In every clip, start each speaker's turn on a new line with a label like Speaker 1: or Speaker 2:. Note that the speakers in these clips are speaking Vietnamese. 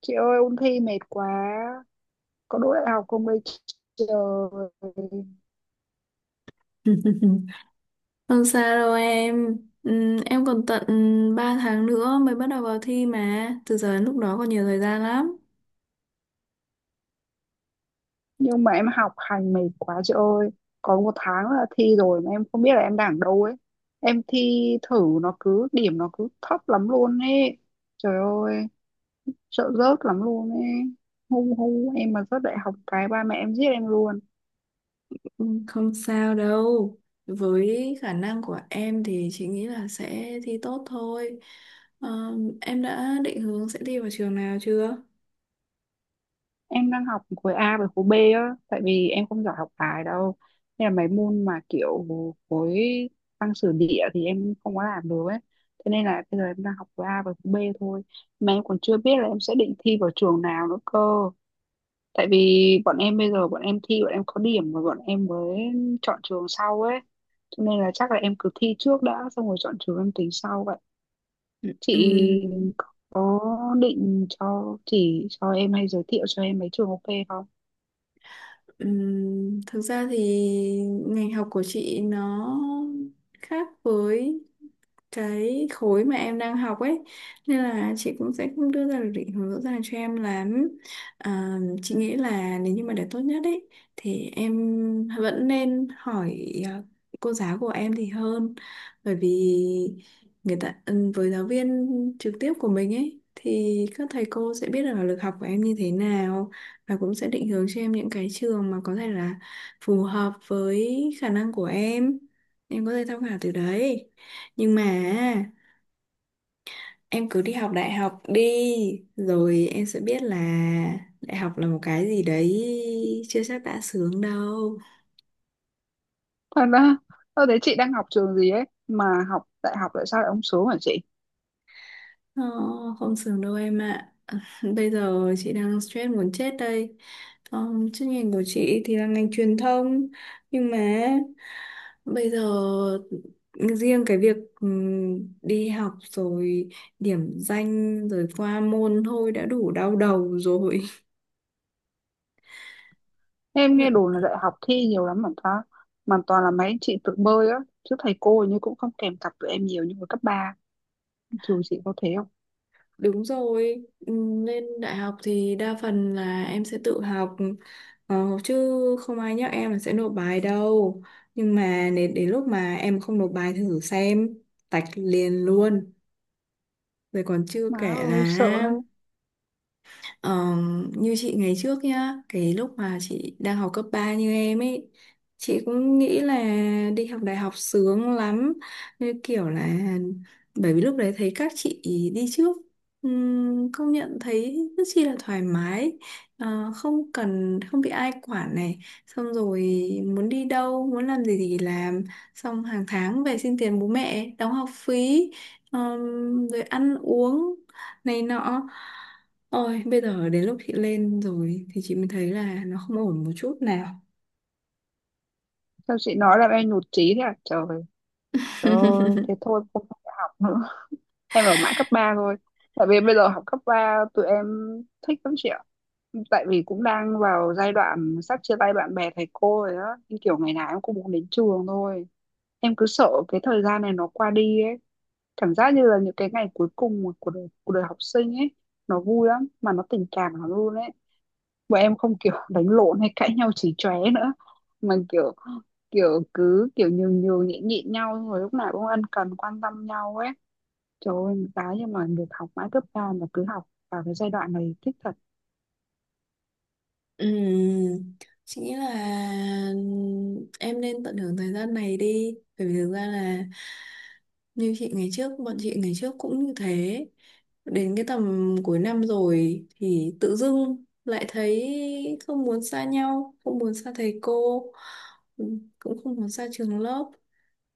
Speaker 1: Chị ơi ôn thi mệt quá. Có đỗ đại học không đây, trời.
Speaker 2: Không sao đâu em. Em còn tận 3 tháng nữa mới bắt đầu vào thi mà. Từ giờ đến lúc đó còn nhiều thời gian lắm.
Speaker 1: Nhưng mà em học hành mệt quá chị ơi. Còn một tháng là thi rồi mà em không biết là em đang ở đâu ấy. Em thi thử nó cứ điểm nó cứ thấp lắm luôn ấy. Trời ơi, sợ rớt lắm luôn ấy. Hung hung Em mà rớt đại học cái ba mẹ em giết em luôn.
Speaker 2: Không sao đâu. Với khả năng của em thì chị nghĩ là sẽ thi tốt thôi. Ờ, em đã định hướng sẽ thi vào trường nào chưa?
Speaker 1: Em đang học khối A với khối B á, tại vì em không giỏi học bài đâu, nên là mấy môn mà kiểu khối văn sử địa thì em không có làm được ấy. Thế nên là bây giờ em đang học khối A với khối B thôi, mà em còn chưa biết là em sẽ định thi vào trường nào nữa cơ. Tại vì bọn em bây giờ bọn em thi, bọn em có điểm rồi bọn em mới chọn trường sau ấy, cho nên là chắc là em cứ thi trước đã, xong rồi chọn trường em tính sau vậy. Chị
Speaker 2: Ừm,
Speaker 1: có định cho chỉ cho em hay giới thiệu cho em mấy trường ok không?
Speaker 2: thực ra thì ngành học của chị nó khác với cái khối mà em đang học ấy, nên là chị cũng sẽ không đưa ra được định hướng rõ ràng cho em lắm. Chị nghĩ là nếu như mà để tốt nhất ấy thì em vẫn nên hỏi cô giáo của em thì hơn, bởi vì người ta với giáo viên trực tiếp của mình ấy thì các thầy cô sẽ biết được là lực học của em như thế nào, và cũng sẽ định hướng cho em những cái trường mà có thể là phù hợp với khả năng của em. Em có thể tham khảo từ đấy. Nhưng mà em cứ đi học đại học đi, rồi em sẽ biết là đại học là một cái gì đấy chưa chắc đã sướng đâu.
Speaker 1: Thật ra, tôi thấy chị đang học trường gì ấy, mà học đại học tại sao lại không sướng hả chị?
Speaker 2: Ờ, Không sướng đâu em ạ. Bây giờ chị đang stress muốn chết đây. Chuyên ngành của chị thì là ngành truyền thông. Nhưng mà bây giờ riêng cái việc đi học rồi điểm danh rồi qua môn thôi đã đủ đau đầu rồi.
Speaker 1: Em nghe đồn là đại học thi nhiều lắm mà ta, mà toàn là mấy anh chị tự bơi á, chứ thầy cô hình như cũng không kèm cặp tụi em nhiều như hồi cấp ba. Trường chị có thế không?
Speaker 2: Đúng rồi, lên đại học thì đa phần là em sẽ tự học, chứ không ai nhắc em là sẽ nộp bài đâu. Nhưng mà đến lúc mà em không nộp bài thử xem, tạch liền luôn. Rồi còn chưa
Speaker 1: Má
Speaker 2: kể
Speaker 1: ơi, sợ
Speaker 2: là
Speaker 1: thế.
Speaker 2: Ờ, như chị ngày trước nhá, cái lúc mà chị đang học cấp 3 như em ấy, chị cũng nghĩ là đi học đại học sướng lắm. Như kiểu là bởi vì lúc đấy thấy các chị đi trước, công nhận thấy rất chi là thoải mái. Không cần, không bị ai quản này, xong rồi muốn đi đâu, muốn làm gì thì làm, xong hàng tháng về xin tiền bố mẹ, đóng học phí, rồi ăn uống này nọ. Ôi bây giờ đến lúc chị lên rồi thì chị mới thấy là nó không ổn một chút nào.
Speaker 1: Sao chị nói là em nhụt chí thế à? Trời, trời ơi, thế thôi không học học nữa, em ở mãi cấp 3 thôi. Tại vì bây giờ học cấp 3 tụi em thích lắm chị ạ. Tại vì cũng đang vào giai đoạn sắp chia tay bạn bè thầy cô rồi á, nhưng kiểu ngày nào em cũng muốn đến trường thôi. Em cứ sợ cái thời gian này nó qua đi ấy, cảm giác như là những cái ngày cuối cùng của đời, của đời học sinh ấy, nó vui lắm mà nó tình cảm lắm luôn ấy. Bọn em không kiểu đánh lộn hay cãi nhau chỉ chóe nữa, mà kiểu kiểu cứ kiểu nhường nhường nhịn nhịn nhau, xong rồi lúc nào cũng ân cần quan tâm nhau ấy. Trời ơi, cái nhưng mà được học mãi cấp ba mà cứ học vào cái giai đoạn này thích thật.
Speaker 2: Ừm, chị nghĩ là em nên tận hưởng thời gian này đi, bởi vì thực ra là như chị ngày trước bọn chị ngày trước cũng như thế. Đến cái tầm cuối năm rồi thì tự dưng lại thấy không muốn xa nhau, không muốn xa thầy cô, cũng không muốn xa trường lớp,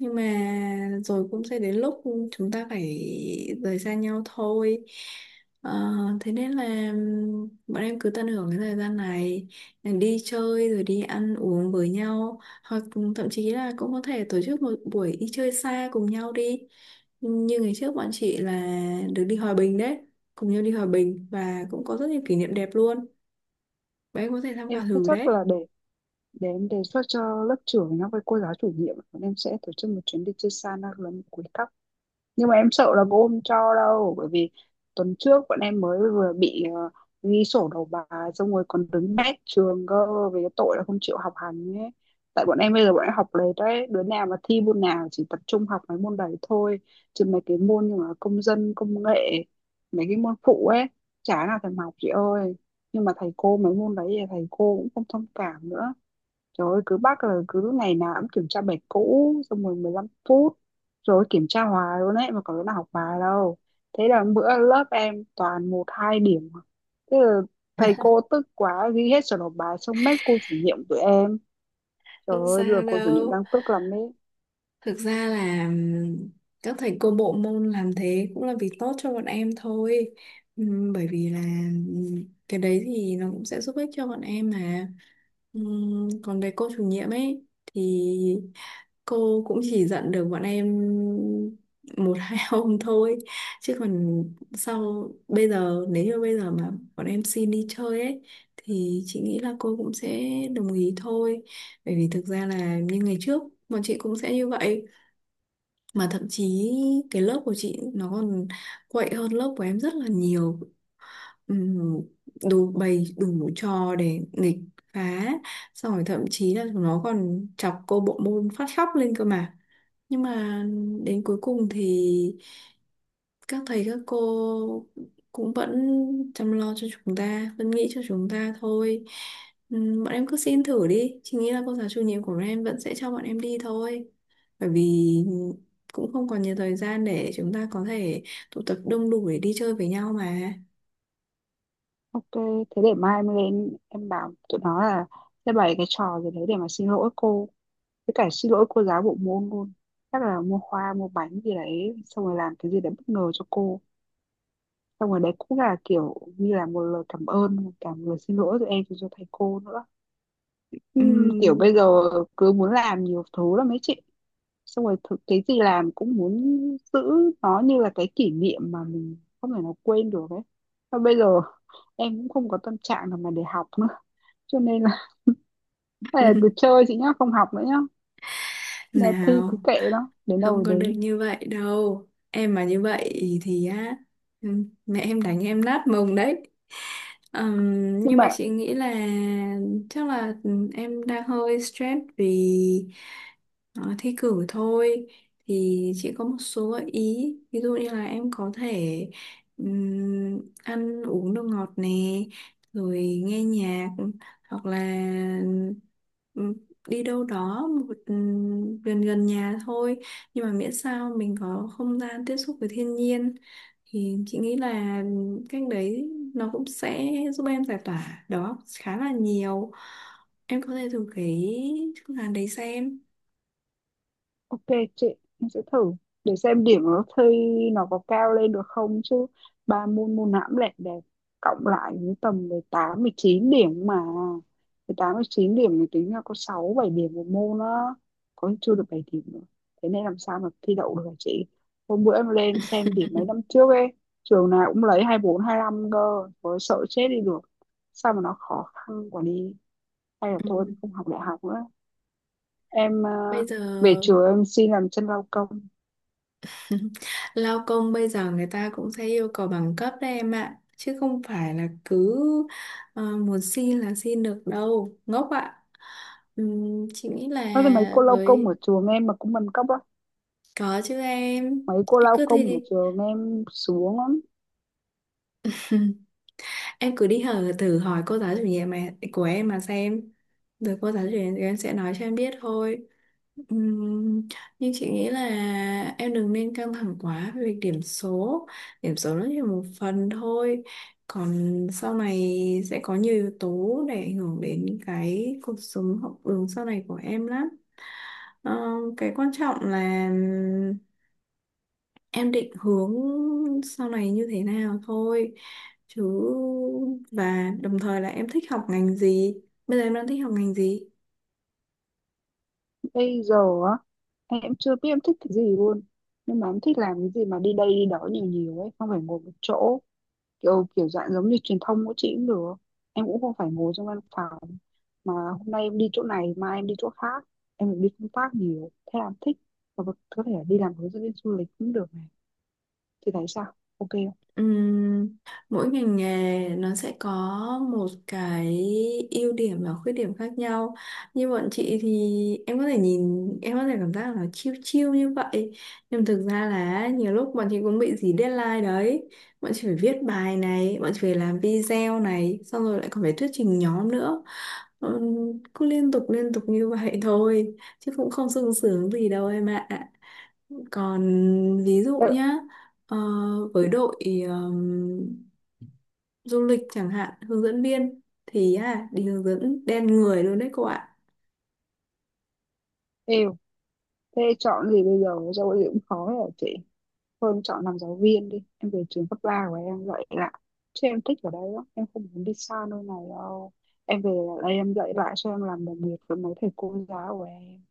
Speaker 2: nhưng mà rồi cũng sẽ đến lúc chúng ta phải rời xa nhau thôi. Ờ, Thế nên là bọn em cứ tận hưởng cái thời gian này, đi chơi rồi đi ăn uống với nhau, hoặc thậm chí là cũng có thể tổ chức một buổi đi chơi xa cùng nhau đi. Như ngày trước bọn chị là được đi Hòa Bình đấy, cùng nhau đi Hòa Bình và cũng có rất nhiều kỷ niệm đẹp luôn. Bọn em có thể tham khảo
Speaker 1: Em thế
Speaker 2: thử
Speaker 1: chắc
Speaker 2: đấy.
Speaker 1: là để em đề xuất cho lớp trưởng nó với cô giáo chủ nhiệm bọn em sẽ tổ chức một chuyến đi chơi xa na lắm cuối cấp. Nhưng mà em sợ là cô không cho đâu, bởi vì tuần trước bọn em mới vừa bị ghi sổ đầu bài, xong rồi còn đứng bét trường cơ, về cái tội là không chịu học hành ấy. Tại bọn em bây giờ bọn em học lệch đấy, đứa nào mà thi môn nào chỉ tập trung học mấy môn đấy thôi, chứ mấy cái môn như là công dân công nghệ, mấy cái môn phụ ấy, chả nào thèm học chị ơi. Nhưng mà thầy cô mấy môn đấy thì thầy cô cũng không thông cảm nữa. Trời ơi, cứ bắt là cứ lúc ngày nào cũng kiểm tra bài cũ, xong rồi 15 phút, rồi kiểm tra hoài luôn ấy, mà có đứa nào học bài đâu. Thế là bữa lớp em toàn một hai điểm. Thế là thầy cô tức quá ghi hết sổ nộp bài xong mét cô chủ nhiệm tụi em. Trời
Speaker 2: Không
Speaker 1: ơi, giờ
Speaker 2: sao
Speaker 1: cô chủ nhiệm
Speaker 2: đâu.
Speaker 1: đang tức lắm đấy.
Speaker 2: Thực ra là các thầy cô bộ môn làm thế cũng là vì tốt cho bọn em thôi. Bởi vì là cái đấy thì nó cũng sẽ giúp ích cho bọn em mà. Còn về cô chủ nhiệm ấy thì cô cũng chỉ dặn được bọn em một hai hôm thôi. Chứ còn sau bây giờ, nếu như bây giờ mà bọn em xin đi chơi ấy thì chị nghĩ là cô cũng sẽ đồng ý thôi. Bởi vì thực ra là như ngày trước bọn chị cũng sẽ như vậy, mà thậm chí cái lớp của chị nó còn quậy hơn lớp của em rất là nhiều. Ừm, Đủ bày đủ trò để nghịch phá, xong rồi thậm chí là nó còn chọc cô bộ môn phát khóc lên cơ mà. Nhưng mà đến cuối cùng thì các thầy các cô cũng vẫn chăm lo cho chúng ta, vẫn nghĩ cho chúng ta thôi. Bọn em cứ xin thử đi, chị nghĩ là cô giáo chủ nhiệm của bọn em vẫn sẽ cho bọn em đi thôi, bởi vì cũng không còn nhiều thời gian để chúng ta có thể tụ tập đông đủ để đi chơi với nhau mà.
Speaker 1: Ok, thế để mai em lên em bảo tụi nó là sẽ bày cái trò gì đấy để mà xin lỗi cô, với cả xin lỗi cô giáo bộ môn luôn. Chắc là mua hoa mua bánh gì đấy, xong rồi làm cái gì đấy bất ngờ cho cô, xong rồi đấy cũng là kiểu như là một lời cảm ơn và cả một lời xin lỗi từ em cho thầy cô nữa. Kiểu
Speaker 2: Ừm,
Speaker 1: bây giờ cứ muốn làm nhiều thứ lắm mấy chị, xong rồi thực cái gì làm cũng muốn giữ nó như là cái kỷ niệm mà mình không thể nào quên được ấy. Và bây giờ em cũng không có tâm trạng nào mà để học nữa, cho nên là hay là cứ chơi chị nhá, không học nữa nhá, là thi cứ
Speaker 2: Nào,
Speaker 1: kệ nó đến đâu
Speaker 2: không
Speaker 1: rồi
Speaker 2: có được
Speaker 1: đến.
Speaker 2: như vậy đâu em, mà như vậy thì á, ừ, mẹ em đánh em nát mông đấy.
Speaker 1: Nhưng
Speaker 2: Nhưng mà
Speaker 1: mà
Speaker 2: chị nghĩ là chắc là em đang hơi stress vì thi cử thôi, thì chị có một số gợi ý, ví dụ như là em có thể ăn uống đồ ngọt nè, rồi nghe nhạc, hoặc là ừ, đi đâu đó một gần gần nhà thôi, nhưng mà miễn sao mình có không gian tiếp xúc với thiên nhiên, thì chị nghĩ là cách đấy nó cũng sẽ giúp em giải tỏa đó khá là nhiều. Em có thể thử cái phương án đấy xem.
Speaker 1: ok chị, em sẽ thử, để xem điểm nó thi nó có cao lên được không chứ. Ba môn môn nào cũng đẹp đẹp, cộng lại cũng tầm 18 chín điểm mà. 18 chín điểm thì tính là có 6 7 điểm một môn đó, có khi chưa được 7 điểm nữa. Thế nên làm sao mà thi đậu được hả chị? Hôm bữa em lên xem điểm mấy năm trước ấy, trường nào cũng lấy hai bốn hai 25 cơ, có sợ chết đi được. Sao mà nó khó khăn quá đi. Hay là thôi em
Speaker 2: Ừ.
Speaker 1: không học đại học nữa, em à,
Speaker 2: Bây giờ
Speaker 1: về chùa em xin làm chân lao công.
Speaker 2: lao công bây giờ người ta cũng sẽ yêu cầu bằng cấp đấy em ạ. Chứ không phải là cứ muốn xin là xin được đâu. Ngốc ạ. Chị nghĩ là
Speaker 1: Nói thì mấy cô lao công
Speaker 2: với...
Speaker 1: ở chùa em mà cũng bằng cấp á?
Speaker 2: Có chứ em.
Speaker 1: Mấy cô
Speaker 2: Em
Speaker 1: lao
Speaker 2: cứ thi
Speaker 1: công ở
Speaker 2: đi.
Speaker 1: chùa em xuống lắm.
Speaker 2: Em cứ đi hở thử hỏi cô giáo chủ nhiệm mà, của em mà xem. Rồi cô giáo chủ nhiệm em sẽ nói cho em biết thôi. Ừm, nhưng chị nghĩ là em đừng nên căng thẳng quá về việc điểm số. Điểm số nó chỉ là một phần thôi, còn sau này sẽ có nhiều yếu tố để ảnh hưởng đến cái cuộc sống học đường sau này của em lắm. Ờ, cái quan trọng là em định hướng sau này như thế nào thôi chứ, và đồng thời là em thích học ngành gì, bây giờ em đang thích học ngành gì.
Speaker 1: Bây giờ á, em chưa biết em thích cái gì luôn, nhưng mà em thích làm cái gì mà đi đây đi đó nhiều nhiều ấy, không phải ngồi một chỗ. Kiểu kiểu dạng giống như truyền thông của chị cũng được, em cũng không phải ngồi trong văn phòng, mà hôm nay em đi chỗ này mai em đi chỗ khác, em được đi công tác nhiều thế là em thích. Và có thể là đi làm hướng dẫn viên du lịch cũng được này, thì thấy sao, ok không?
Speaker 2: Ừm, Mỗi ngành nghề nó sẽ có một cái ưu điểm và khuyết điểm khác nhau. Như bọn chị thì em có thể nhìn, em có thể cảm giác là nó chill chill như vậy. Nhưng thực ra là nhiều lúc bọn chị cũng bị dí deadline đấy. Bọn chị phải viết bài này, bọn chị phải làm video này, xong rồi lại còn phải thuyết trình nhóm nữa. Ừm, Cứ liên tục như vậy thôi, chứ cũng không sung sướng gì đâu em ạ. Còn ví dụ nhá, ờ, với đội ờm, du lịch chẳng hạn, hướng dẫn viên, thì đi hướng dẫn đen người luôn đấy cô ạ.
Speaker 1: Đợi- thế chọn gì bây giờ giáo gì cũng khó rồi chị. Hơn chọn làm giáo viên đi, em về trường cấp 3 của em dạy lại. Chứ em thích ở đây lắm, em không muốn đi xa nơi này đâu. Em về lại đây em dạy lại, cho em làm đồng nghiệp với mấy thầy cô giáo của em.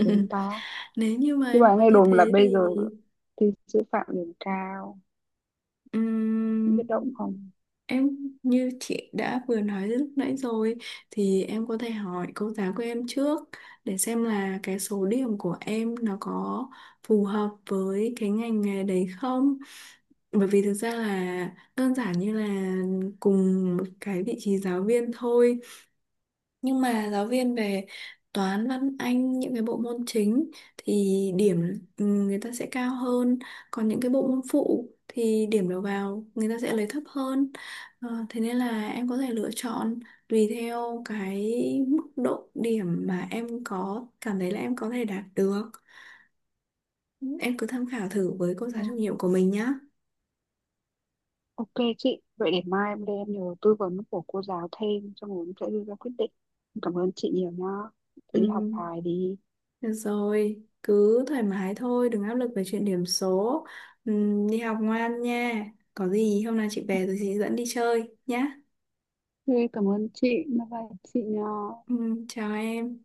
Speaker 1: Tướng ta.
Speaker 2: Nếu như mà
Speaker 1: Nhưng
Speaker 2: em
Speaker 1: mà
Speaker 2: muốn
Speaker 1: nghe
Speaker 2: như
Speaker 1: đồn là
Speaker 2: thế
Speaker 1: bây
Speaker 2: thì
Speaker 1: giờ thi sư phạm điểm cao, không
Speaker 2: ừm,
Speaker 1: biết đậu không.
Speaker 2: em như chị đã vừa nói lúc nãy rồi, thì em có thể hỏi cô giáo của em trước để xem là cái số điểm của em nó có phù hợp với cái ngành nghề đấy không, bởi vì thực ra là đơn giản như là cùng một cái vị trí giáo viên thôi, nhưng mà giáo viên về toán văn anh những cái bộ môn chính thì điểm người ta sẽ cao hơn, còn những cái bộ môn phụ thì điểm đầu vào người ta sẽ lấy thấp hơn. Thế nên là em có thể lựa chọn tùy theo cái mức độ điểm mà em có cảm thấy là em có thể đạt được. Em cứ tham khảo thử với cô giáo
Speaker 1: à,
Speaker 2: chủ nhiệm của mình nhá.
Speaker 1: Ok chị, vậy để mai em lên em nhờ tư vấn của cô giáo thêm, xong rồi em sẽ đưa ra quyết định. Em cảm ơn chị nhiều nhá.
Speaker 2: Ừ.
Speaker 1: Chị đi học bài đi.
Speaker 2: Được rồi, cứ thoải mái thôi, đừng áp lực về chuyện điểm số. Đi học ngoan nha. Có gì hôm nào chị về rồi chị dẫn đi chơi nhá.
Speaker 1: Thế cảm ơn chị, bye bye chị nha.
Speaker 2: Chào em.